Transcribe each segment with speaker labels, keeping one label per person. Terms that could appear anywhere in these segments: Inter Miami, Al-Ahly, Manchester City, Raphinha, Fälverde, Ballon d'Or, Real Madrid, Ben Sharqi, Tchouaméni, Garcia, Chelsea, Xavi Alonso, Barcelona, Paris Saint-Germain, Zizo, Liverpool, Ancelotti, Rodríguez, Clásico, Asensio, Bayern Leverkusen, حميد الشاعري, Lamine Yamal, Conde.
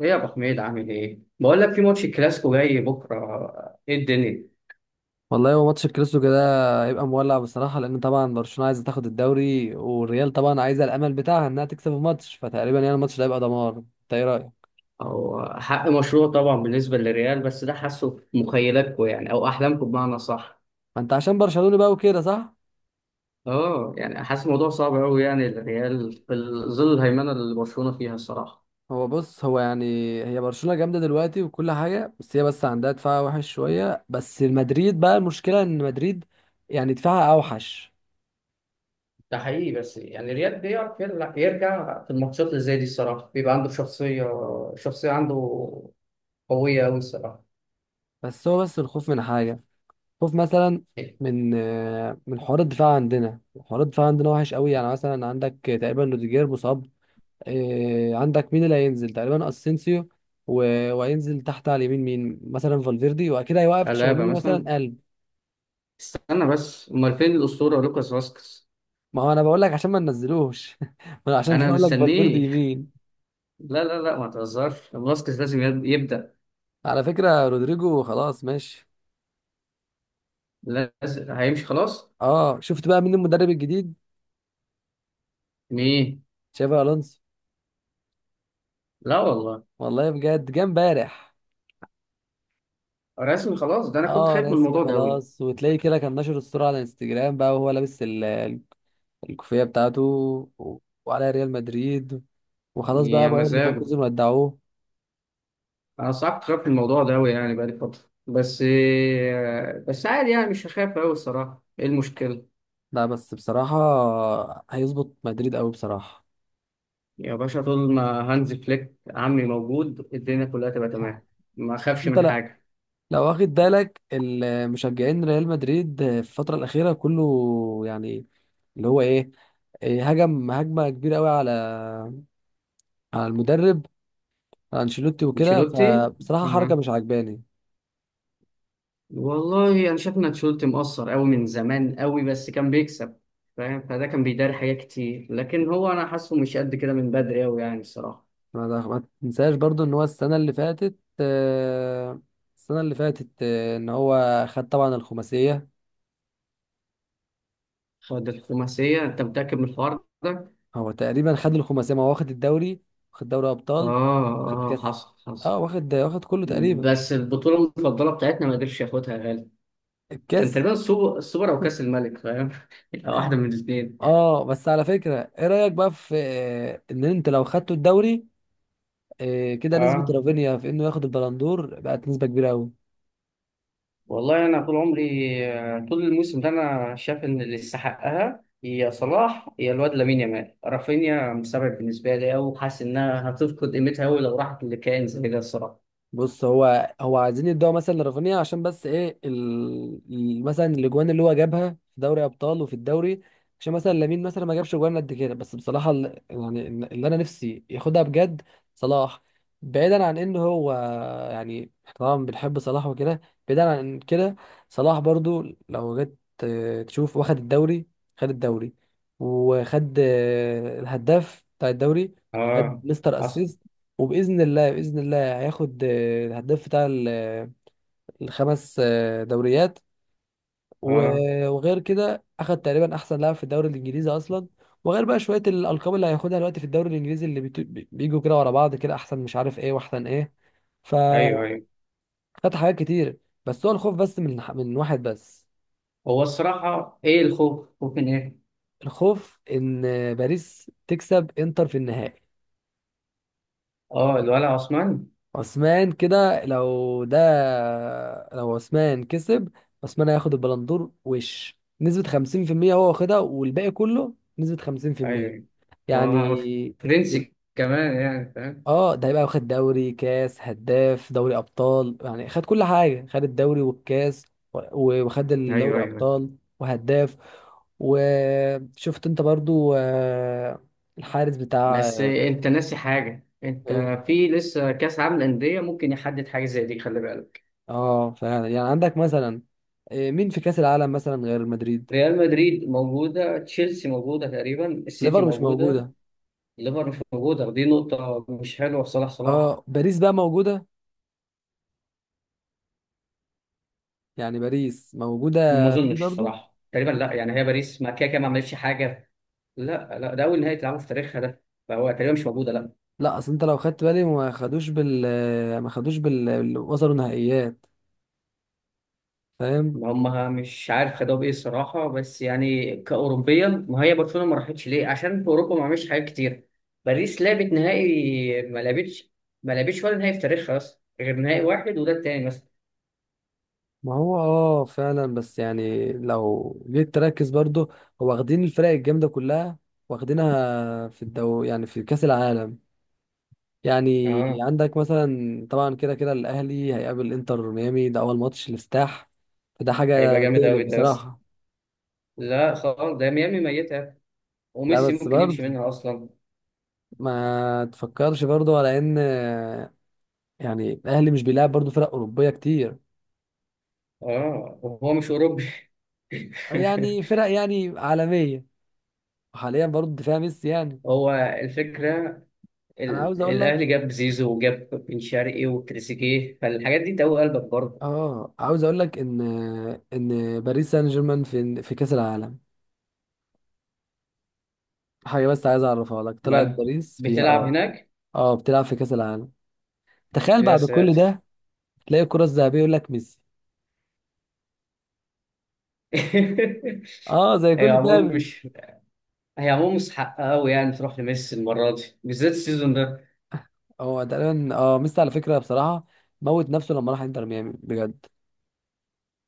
Speaker 1: ايه يا ابو حميد عامل ايه؟ بقول لك في ماتش كلاسيكو جاي بكره، ايه الدنيا؟
Speaker 2: والله هو ماتش الكلاسيكو ده هيبقى مولع بصراحة، لأن طبعا برشلونة عايزة تاخد الدوري، والريال طبعا عايزة الأمل بتاعها إنها تكسب الماتش، فتقريبا يعني الماتش ده هيبقى دمار. أنت إيه رأيك؟
Speaker 1: او حق مشروع طبعا بالنسبه للريال، بس ده حاسه في مخيلاتكم يعني او احلامكم بمعنى صح.
Speaker 2: ما أنت عشان برشلونة بقى وكده، صح؟
Speaker 1: اه يعني حاسس الموضوع صعب قوي، يعني الريال في ظل الهيمنه اللي برشلونه فيها الصراحه.
Speaker 2: هو بص، هو يعني هي برشلونة جامدة دلوقتي وكل حاجة، بس هي بس عندها دفاع وحش شوية، بس مدريد بقى المشكلة. إن مدريد يعني دفاعها أوحش.
Speaker 1: ده حقيقي، بس يعني الريال بيعرف يرجع، في الماتشات اللي زي دي الصراحه بيبقى عنده شخصيه، شخصيه عنده قويه قوي الصراحه.
Speaker 2: بس هو بس الخوف من حاجة، خوف مثلا من حوار الدفاع عندنا. وحش قوي. يعني مثلا عندك تقريبا روديجير مصاب، إيه، عندك مين اللي هينزل؟ تقريبا اسينسيو، و- وهينزل تحت على اليمين، مين مثلا؟ فالفيردي، وأكيد هيوقف
Speaker 1: ألابا
Speaker 2: تشاوميني
Speaker 1: مثلا.
Speaker 2: مثلا قلب.
Speaker 1: استنى بس، امال فين الاسطوره لوكاس فاسكس؟
Speaker 2: ما هو انا بقول لك عشان ما ننزلوش ما أنا عشان كده
Speaker 1: انا
Speaker 2: بقول لك فالفيردي
Speaker 1: مستنيه.
Speaker 2: يمين.
Speaker 1: لا لا لا ما تهزرش، فاسكيز لازم يبدأ.
Speaker 2: على فكرة رودريجو خلاص ماشي.
Speaker 1: لازم هيمشي خلاص.
Speaker 2: اه، شفت بقى مين المدرب الجديد؟
Speaker 1: مين؟
Speaker 2: تشافي الونسو.
Speaker 1: لا والله.
Speaker 2: والله بجد، جه امبارح.
Speaker 1: رسمي خلاص؟ ده انا كنت
Speaker 2: اه
Speaker 1: خايف من
Speaker 2: رسمي
Speaker 1: الموضوع ده قوي.
Speaker 2: خلاص، وتلاقيه كده كان نشر الصورة على الانستجرام بقى، وهو لابس الكوفية بتاعته، و- وعلى ريال مدريد. وخلاص بقى
Speaker 1: يا
Speaker 2: بايرن
Speaker 1: مزاجه.
Speaker 2: ليفركوزن ودعوه.
Speaker 1: انا صعب، كنت خايف من الموضوع ده قوي يعني، بقالي فترة. بس بس عادي يعني، مش هخاف قوي الصراحة، ايه المشكلة؟
Speaker 2: لا بس بصراحة هيظبط مدريد قوي بصراحة.
Speaker 1: يا باشا، طول ما هانز فليك عمي موجود الدنيا كلها تبقى تمام، ما
Speaker 2: بس
Speaker 1: اخافش
Speaker 2: انت
Speaker 1: من
Speaker 2: لا،
Speaker 1: حاجة.
Speaker 2: لو واخد بالك، المشجعين ريال مدريد في الفترة الأخيرة كله يعني اللي هو ايه، هجم هجمة كبيرة قوي على على المدرب، على انشيلوتي وكده،
Speaker 1: انشيلوتي،
Speaker 2: فبصراحة حركة مش عجباني.
Speaker 1: والله انا شايف ان تشولت مقصر قوي من زمان قوي، بس كان بيكسب، فاهم؟ فده كان بيداري حاجات كتير، لكن هو انا حاسه مش قد كده من بدري قوي يعني الصراحه.
Speaker 2: ما تنساش برضو ان هو السنة اللي فاتت، السنة اللي فاتت ان هو خد طبعا الخماسية.
Speaker 1: خد الخماسيه؟ انت متاكد من الحوار ده؟
Speaker 2: هو تقريبا خد الخماسية، ما هو واخد الدوري، واخد دوري أبطال، واخد
Speaker 1: اه. اه
Speaker 2: كأس.
Speaker 1: حصل حصل.
Speaker 2: اه، واخد كله تقريبا.
Speaker 1: بس البطوله المفضله بتاعتنا ما قدرش ياخدها يا غالي. كان
Speaker 2: الكاس.
Speaker 1: تقريبا السوبر او كاس الملك، فاهم؟ واحده من الاثنين.
Speaker 2: اه، بس على فكرة، ايه رأيك بقى في ان انت لو خدته الدوري كده نسبة
Speaker 1: اه
Speaker 2: رافينيا في انه ياخد البلندور بقت نسبة كبيرة قوي.
Speaker 1: والله. انا طول عمري، طول الموسم ده انا شايف ان اللي يستحقها هي صلاح، هي الواد لامين يامال. رافينيا مستبعد بالنسبه لي أوي، وحاسس انها هتفقد قيمتها أوي لو راحت لكائن زي ده الصراحه.
Speaker 2: بص، هو عايزين يدوها مثلا لرافينيا، عشان بس ايه مثلا الاجوان اللي هو جابها في دوري ابطال وفي الدوري، عشان مثلا لامين مثلا ما جابش اجوان قد كده. بس بصراحه يعني اللي انا نفسي ياخدها بجد صلاح. بعيدا عن ان هو يعني، إحنا طبعا بنحب صلاح وكده، بعيدا عن كده صلاح برضو لو جيت تشوف، واخد الدوري، خد الدوري، وخد الهداف بتاع الدوري، وخد
Speaker 1: اه
Speaker 2: مستر
Speaker 1: حصل.
Speaker 2: اسيست، وباذن الله باذن الله هياخد الهداف بتاع الخمس دوريات.
Speaker 1: اه.
Speaker 2: وغير كده اخد تقريبا احسن لاعب في الدوري الانجليزي اصلا. وغير بقى شويه الالقاب اللي هياخدها دلوقتي في الدوري الانجليزي اللي بيجوا كده ورا بعض، كده احسن مش عارف ايه واحسن ايه.
Speaker 1: ايوه
Speaker 2: فخد
Speaker 1: ايوه.
Speaker 2: حاجات كتير. بس هو الخوف بس من واحد بس.
Speaker 1: هو الصراحه ايه الخوف؟ خوف من ايه؟
Speaker 2: الخوف ان باريس تكسب انتر في النهائي.
Speaker 1: اه الولع عثمان.
Speaker 2: عثمان، كده لو ده، لو عثمان كسب، عثمان هياخد البلندور، وش نسبة 50% هو واخدها، والباقي كله نسبة خمسين في
Speaker 1: ايوه
Speaker 2: المية
Speaker 1: ايوه. هو
Speaker 2: يعني.
Speaker 1: فرنسي كمان يعني، فاهم؟
Speaker 2: اه، ده هيبقى واخد دوري كاس هداف دوري أبطال، يعني خد كل حاجة، خد الدوري والكاس، وخد
Speaker 1: ايوه
Speaker 2: الدوري
Speaker 1: ايوه أيوه.
Speaker 2: أبطال وهداف. وشفت انت برضو الحارس بتاع
Speaker 1: بس انت ناسي حاجه، انت
Speaker 2: آه،
Speaker 1: في لسه كاس عالم للانديه ممكن يحدد حاجه زي دي، خلي بالك.
Speaker 2: اه فعلا، يعني عندك مثلا، مين في كأس العالم مثلا غير مدريد؟
Speaker 1: ريال مدريد موجودة، تشيلسي موجودة، تقريبا السيتي
Speaker 2: ليفر مش
Speaker 1: موجودة.
Speaker 2: موجودة.
Speaker 1: الليفر مش موجودة، دي نقطة مش حلوة في صلاح.
Speaker 2: اه باريس بقى موجودة، يعني باريس
Speaker 1: ما
Speaker 2: موجودة في
Speaker 1: أظنش
Speaker 2: برضو.
Speaker 1: صراحة، تقريبا لا. يعني هي باريس ما كده كده ما عملتش حاجة. لا لا، ده أول نهائي تلعبه في تاريخها ده، فهو تقريبا مش موجودة، لا.
Speaker 2: لا، اصل انت لو خدت بالي ما خدوش بال، وصلوا نهائيات، فاهم.
Speaker 1: ما هم مش عارف خدوها بإيه الصراحة، بس يعني كأوروبيا، ما هي برشلونة ما راحتش ليه؟ عشان في أوروبا ما عملتش حاجات كتير. باريس لعبت نهائي؟ ما لعبتش ولا نهائي في تاريخها أصلا غير نهائي واحد، وده التاني مثلا.
Speaker 2: ما هو اه فعلا، بس يعني لو جيت تركز برضو هو واخدين الفرق الجامدة كلها، واخدينها في الدو يعني في كأس العالم. يعني
Speaker 1: اه
Speaker 2: عندك مثلا طبعا كده كده الاهلي هيقابل انتر ميامي، ده اول ماتش الافتتاح. فده
Speaker 1: هيبقى
Speaker 2: حاجه
Speaker 1: جامد
Speaker 2: تقلق
Speaker 1: أوي ده.
Speaker 2: بصراحه.
Speaker 1: لا خالص، ده ميامي ميتة،
Speaker 2: لا
Speaker 1: وميسي
Speaker 2: بس
Speaker 1: ممكن يمشي
Speaker 2: برضه
Speaker 1: منها أصلا.
Speaker 2: ما تفكرش برضه على ان يعني الاهلي مش بيلعب برضه فرق اوروبيه كتير،
Speaker 1: اه وهو مش أوروبي.
Speaker 2: يعني فرق يعني عالميه. وحاليا برضه دفاع ميسي يعني.
Speaker 1: هو الفكرة،
Speaker 2: انا عاوز اقول
Speaker 1: الأهلي
Speaker 2: لك،
Speaker 1: جاب زيزو وجاب بن شرقي وتريزيجيه، فالحاجات دي تقوي قلبك برضه.
Speaker 2: اه، عاوز اقول لك ان ان باريس سان جيرمان في كاس العالم، حاجه بس عايز اعرفها لك، طلعت
Speaker 1: مالها؟
Speaker 2: باريس فيها،
Speaker 1: بتلعب
Speaker 2: اه.
Speaker 1: هناك.
Speaker 2: اه بتلعب في كاس العالم. تخيل
Speaker 1: يا
Speaker 2: بعد كل
Speaker 1: ساتر.
Speaker 2: ده تلاقي الكرة الذهبية يقول لك ميسي. اه زي
Speaker 1: هي
Speaker 2: كل
Speaker 1: عموما
Speaker 2: سنة.
Speaker 1: مش، هي عموما مستحقة أوي يعني تروح لميسي المرة دي بالذات، السيزون ده.
Speaker 2: هو تقريبا اه ميسي على فكرة، بصراحة موت نفسه لما راح انتر ميامي بجد.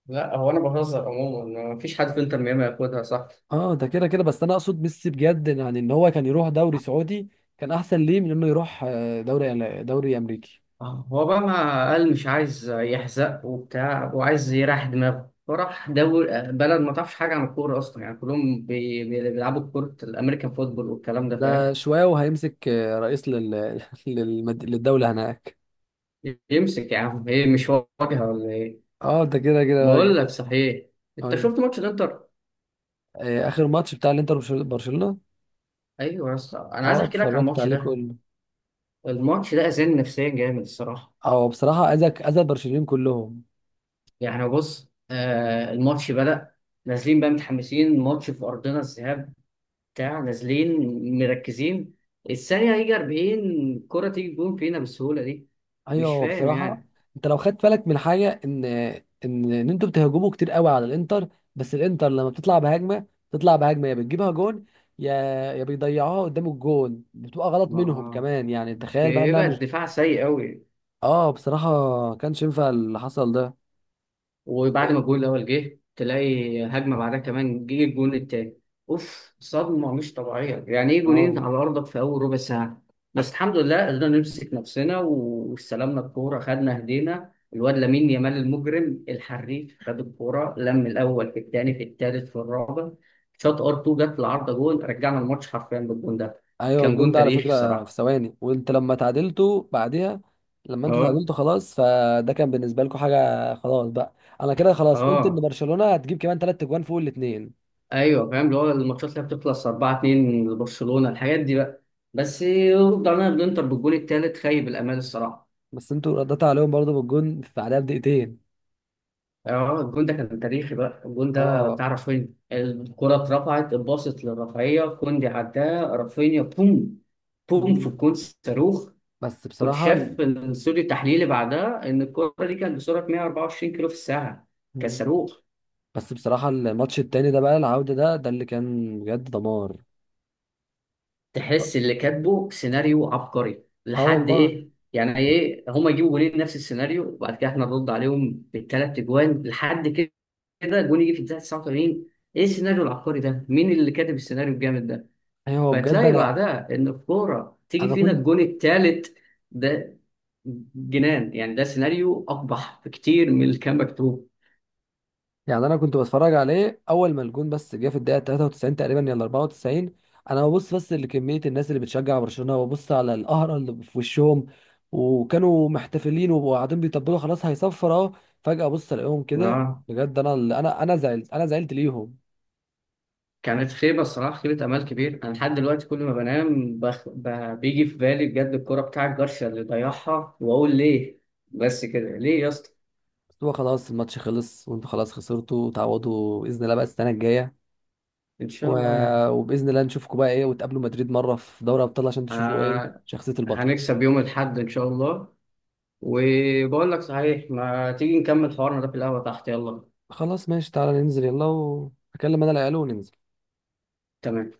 Speaker 1: لا هو أنا بهزر، عموما مفيش حد في إنتر ميامي هياخدها، صح؟
Speaker 2: اه ده كده كده، بس انا اقصد ميسي بجد يعني، ان هو كان يروح دوري سعودي، كان احسن ليه من انه يروح دوري امريكي.
Speaker 1: هو بقى ما قال مش عايز يحزق وبتاع، وعايز يريح دماغه فراح دول. بلد ما تعرفش حاجة عن الكورة أصلا، يعني كلهم بيلعبوا كورة الأمريكان فوتبول والكلام ده،
Speaker 2: ده
Speaker 1: فاهم؟
Speaker 2: شوية وهيمسك رئيس للدولة هناك.
Speaker 1: يمسك يا عم، إيه مش واجهة ولا إيه؟
Speaker 2: اه ده كده كده بقى.
Speaker 1: بقول لك صحيح، أنت
Speaker 2: اقول لك
Speaker 1: شفت ماتش الإنتر؟
Speaker 2: اخر ماتش بتاع الانتر وبرشل- برشلونة
Speaker 1: أيوه يا اسطى، أنا عايز
Speaker 2: اه
Speaker 1: أحكي لك عن
Speaker 2: اتفرجت
Speaker 1: الماتش
Speaker 2: عليه
Speaker 1: ده.
Speaker 2: كله.
Speaker 1: الماتش ده أذاني نفسيا جامد الصراحة.
Speaker 2: اه بصراحة اذى، اذى برشلونة كلهم.
Speaker 1: يعني بص، آه الماتش بدأ، نازلين بقى متحمسين، ماتش في أرضنا الذهاب بتاع، نازلين مركزين، الثانية هيجي 40 كرة تيجي جون فينا بالسهولة دي،
Speaker 2: ايوه،
Speaker 1: مش
Speaker 2: هو
Speaker 1: فاهم
Speaker 2: بصراحه
Speaker 1: يعني.
Speaker 2: انت لو خدت بالك من حاجه ان انتوا بتهاجموا كتير قوي على الانتر، بس الانتر لما بتطلع بهجمه يا بتجيبها جون، يا، يا بيضيعوها قدام الجون، بتبقى غلط منهم
Speaker 1: ما
Speaker 2: كمان، يعني تخيل بقى انها
Speaker 1: بيبقى
Speaker 2: مش.
Speaker 1: الدفاع سيء أوي.
Speaker 2: اه بصراحه كانش ينفع اللي حصل ده.
Speaker 1: وبعد
Speaker 2: إيه،
Speaker 1: ما الجون الاول جه، تلاقي هجمه بعدها كمان جه الجون التاني. اوف، صدمه مش طبيعيه، يعني ايه جونين
Speaker 2: اه
Speaker 1: على ارضك في اول ربع ساعه؟ بس الحمد لله قدرنا نمسك نفسنا واستلمنا الكوره. خدنا هدينا الواد لامين يامال المجرم الحريف، خد الكوره لم الاول في الثاني في الثالث في الرابع، شاط ار 2 جت العارضه، جون، رجعنا الماتش حرفيا بالجون ده.
Speaker 2: ايوه،
Speaker 1: كان
Speaker 2: الجون
Speaker 1: جون
Speaker 2: ده على
Speaker 1: تاريخي
Speaker 2: فكره في
Speaker 1: الصراحه.
Speaker 2: ثواني، وانت لما تعادلتوا بعدها، لما انتوا
Speaker 1: اه.
Speaker 2: تعادلتوا خلاص، فده كان بالنسبه لكم حاجه خلاص بقى. انا كده خلاص قلت ان
Speaker 1: اه
Speaker 2: برشلونه هتجيب كمان ثلاث اجوان فوق الاثنين.
Speaker 1: ايوه فاهم، اللي هو الماتشات اللي بتخلص 4-2 لبرشلونه الحاجات دي بقى. بس رجعنا الانتر بالجون الثالث، خيب الامال الصراحه.
Speaker 2: بس انتوا رديتوا عليهم برضه بالجون في بعدها بدقيقتين.
Speaker 1: اه الجون ده كان تاريخي بقى. الجون ده
Speaker 2: اه.
Speaker 1: بتاع رافينيا، الكره اترفعت، اتباصت للرفعيه كوندي، عداه رافينيا بوم، بوم في
Speaker 2: مم.
Speaker 1: الجون، صاروخ.
Speaker 2: بس
Speaker 1: كنت
Speaker 2: بصراحة
Speaker 1: شاف الاستوديو التحليلي بعدها ان الكره دي كانت بسرعه 124 كيلو في الساعه، كان
Speaker 2: مم.
Speaker 1: صاروخ.
Speaker 2: بس بصراحة الماتش التاني ده بقى العودة، ده اللي كان بجد دمار.
Speaker 1: تحس اللي كاتبه سيناريو عبقري
Speaker 2: اه
Speaker 1: لحد
Speaker 2: والله،
Speaker 1: ايه، يعني ايه هما يجيبوا جولين نفس السيناريو، وبعد كده احنا نرد عليهم بالثلاث اجوان لحد كده، جون يجي في الدقيقه 89؟ ايه السيناريو العبقري ده، مين اللي كاتب السيناريو الجامد ده؟
Speaker 2: ايوه بجد
Speaker 1: فتلاقي
Speaker 2: انا،
Speaker 1: بعدها ان الكوره تيجي
Speaker 2: انا
Speaker 1: فينا
Speaker 2: كنت
Speaker 1: الجون الثالث ده، جنان يعني. ده سيناريو اقبح بكتير من اللي كان مكتوب.
Speaker 2: يعني انا كنت بتفرج عليه اول ما الجون بس جه في الدقيقه 93 تقريبا، يلا 94. انا ببص بس لكميه الناس اللي بتشجع برشلونه، وببص على القهره اللي في وشهم، وكانوا محتفلين وقاعدين بيطبلوا خلاص هيصفر اهو، فجاه ببص الاقيهم كده.
Speaker 1: اه.
Speaker 2: بجد انا زعلت، ليهم
Speaker 1: كانت خيبة الصراحة، خيبة أمل كبير. أنا لحد دلوقتي كل ما بنام بيجي في بالي بجد الكرة بتاعت جارسيا اللي ضيعها، وأقول ليه؟ بس كده ليه يا اسطى؟
Speaker 2: بس هو خلاص الماتش خلص، وانتوا خلاص خسرتوا، تعوضوا باذن الله بقى السنه الجايه،
Speaker 1: إن
Speaker 2: و...
Speaker 1: شاء الله يعني.
Speaker 2: وباذن الله نشوفكم بقى ايه، وتقابلوا مدريد مره في دوري ابطال عشان تشوفوا ايه
Speaker 1: آه...
Speaker 2: شخصيه البطل.
Speaker 1: هنكسب يوم الأحد إن شاء الله. وبقول لك صحيح، ما تيجي نكمل حوارنا ده في القهوة تحت، يلا.
Speaker 2: خلاص ماشي، تعالى ننزل يلا، اكلم انا العيال وننزل.
Speaker 1: تمام.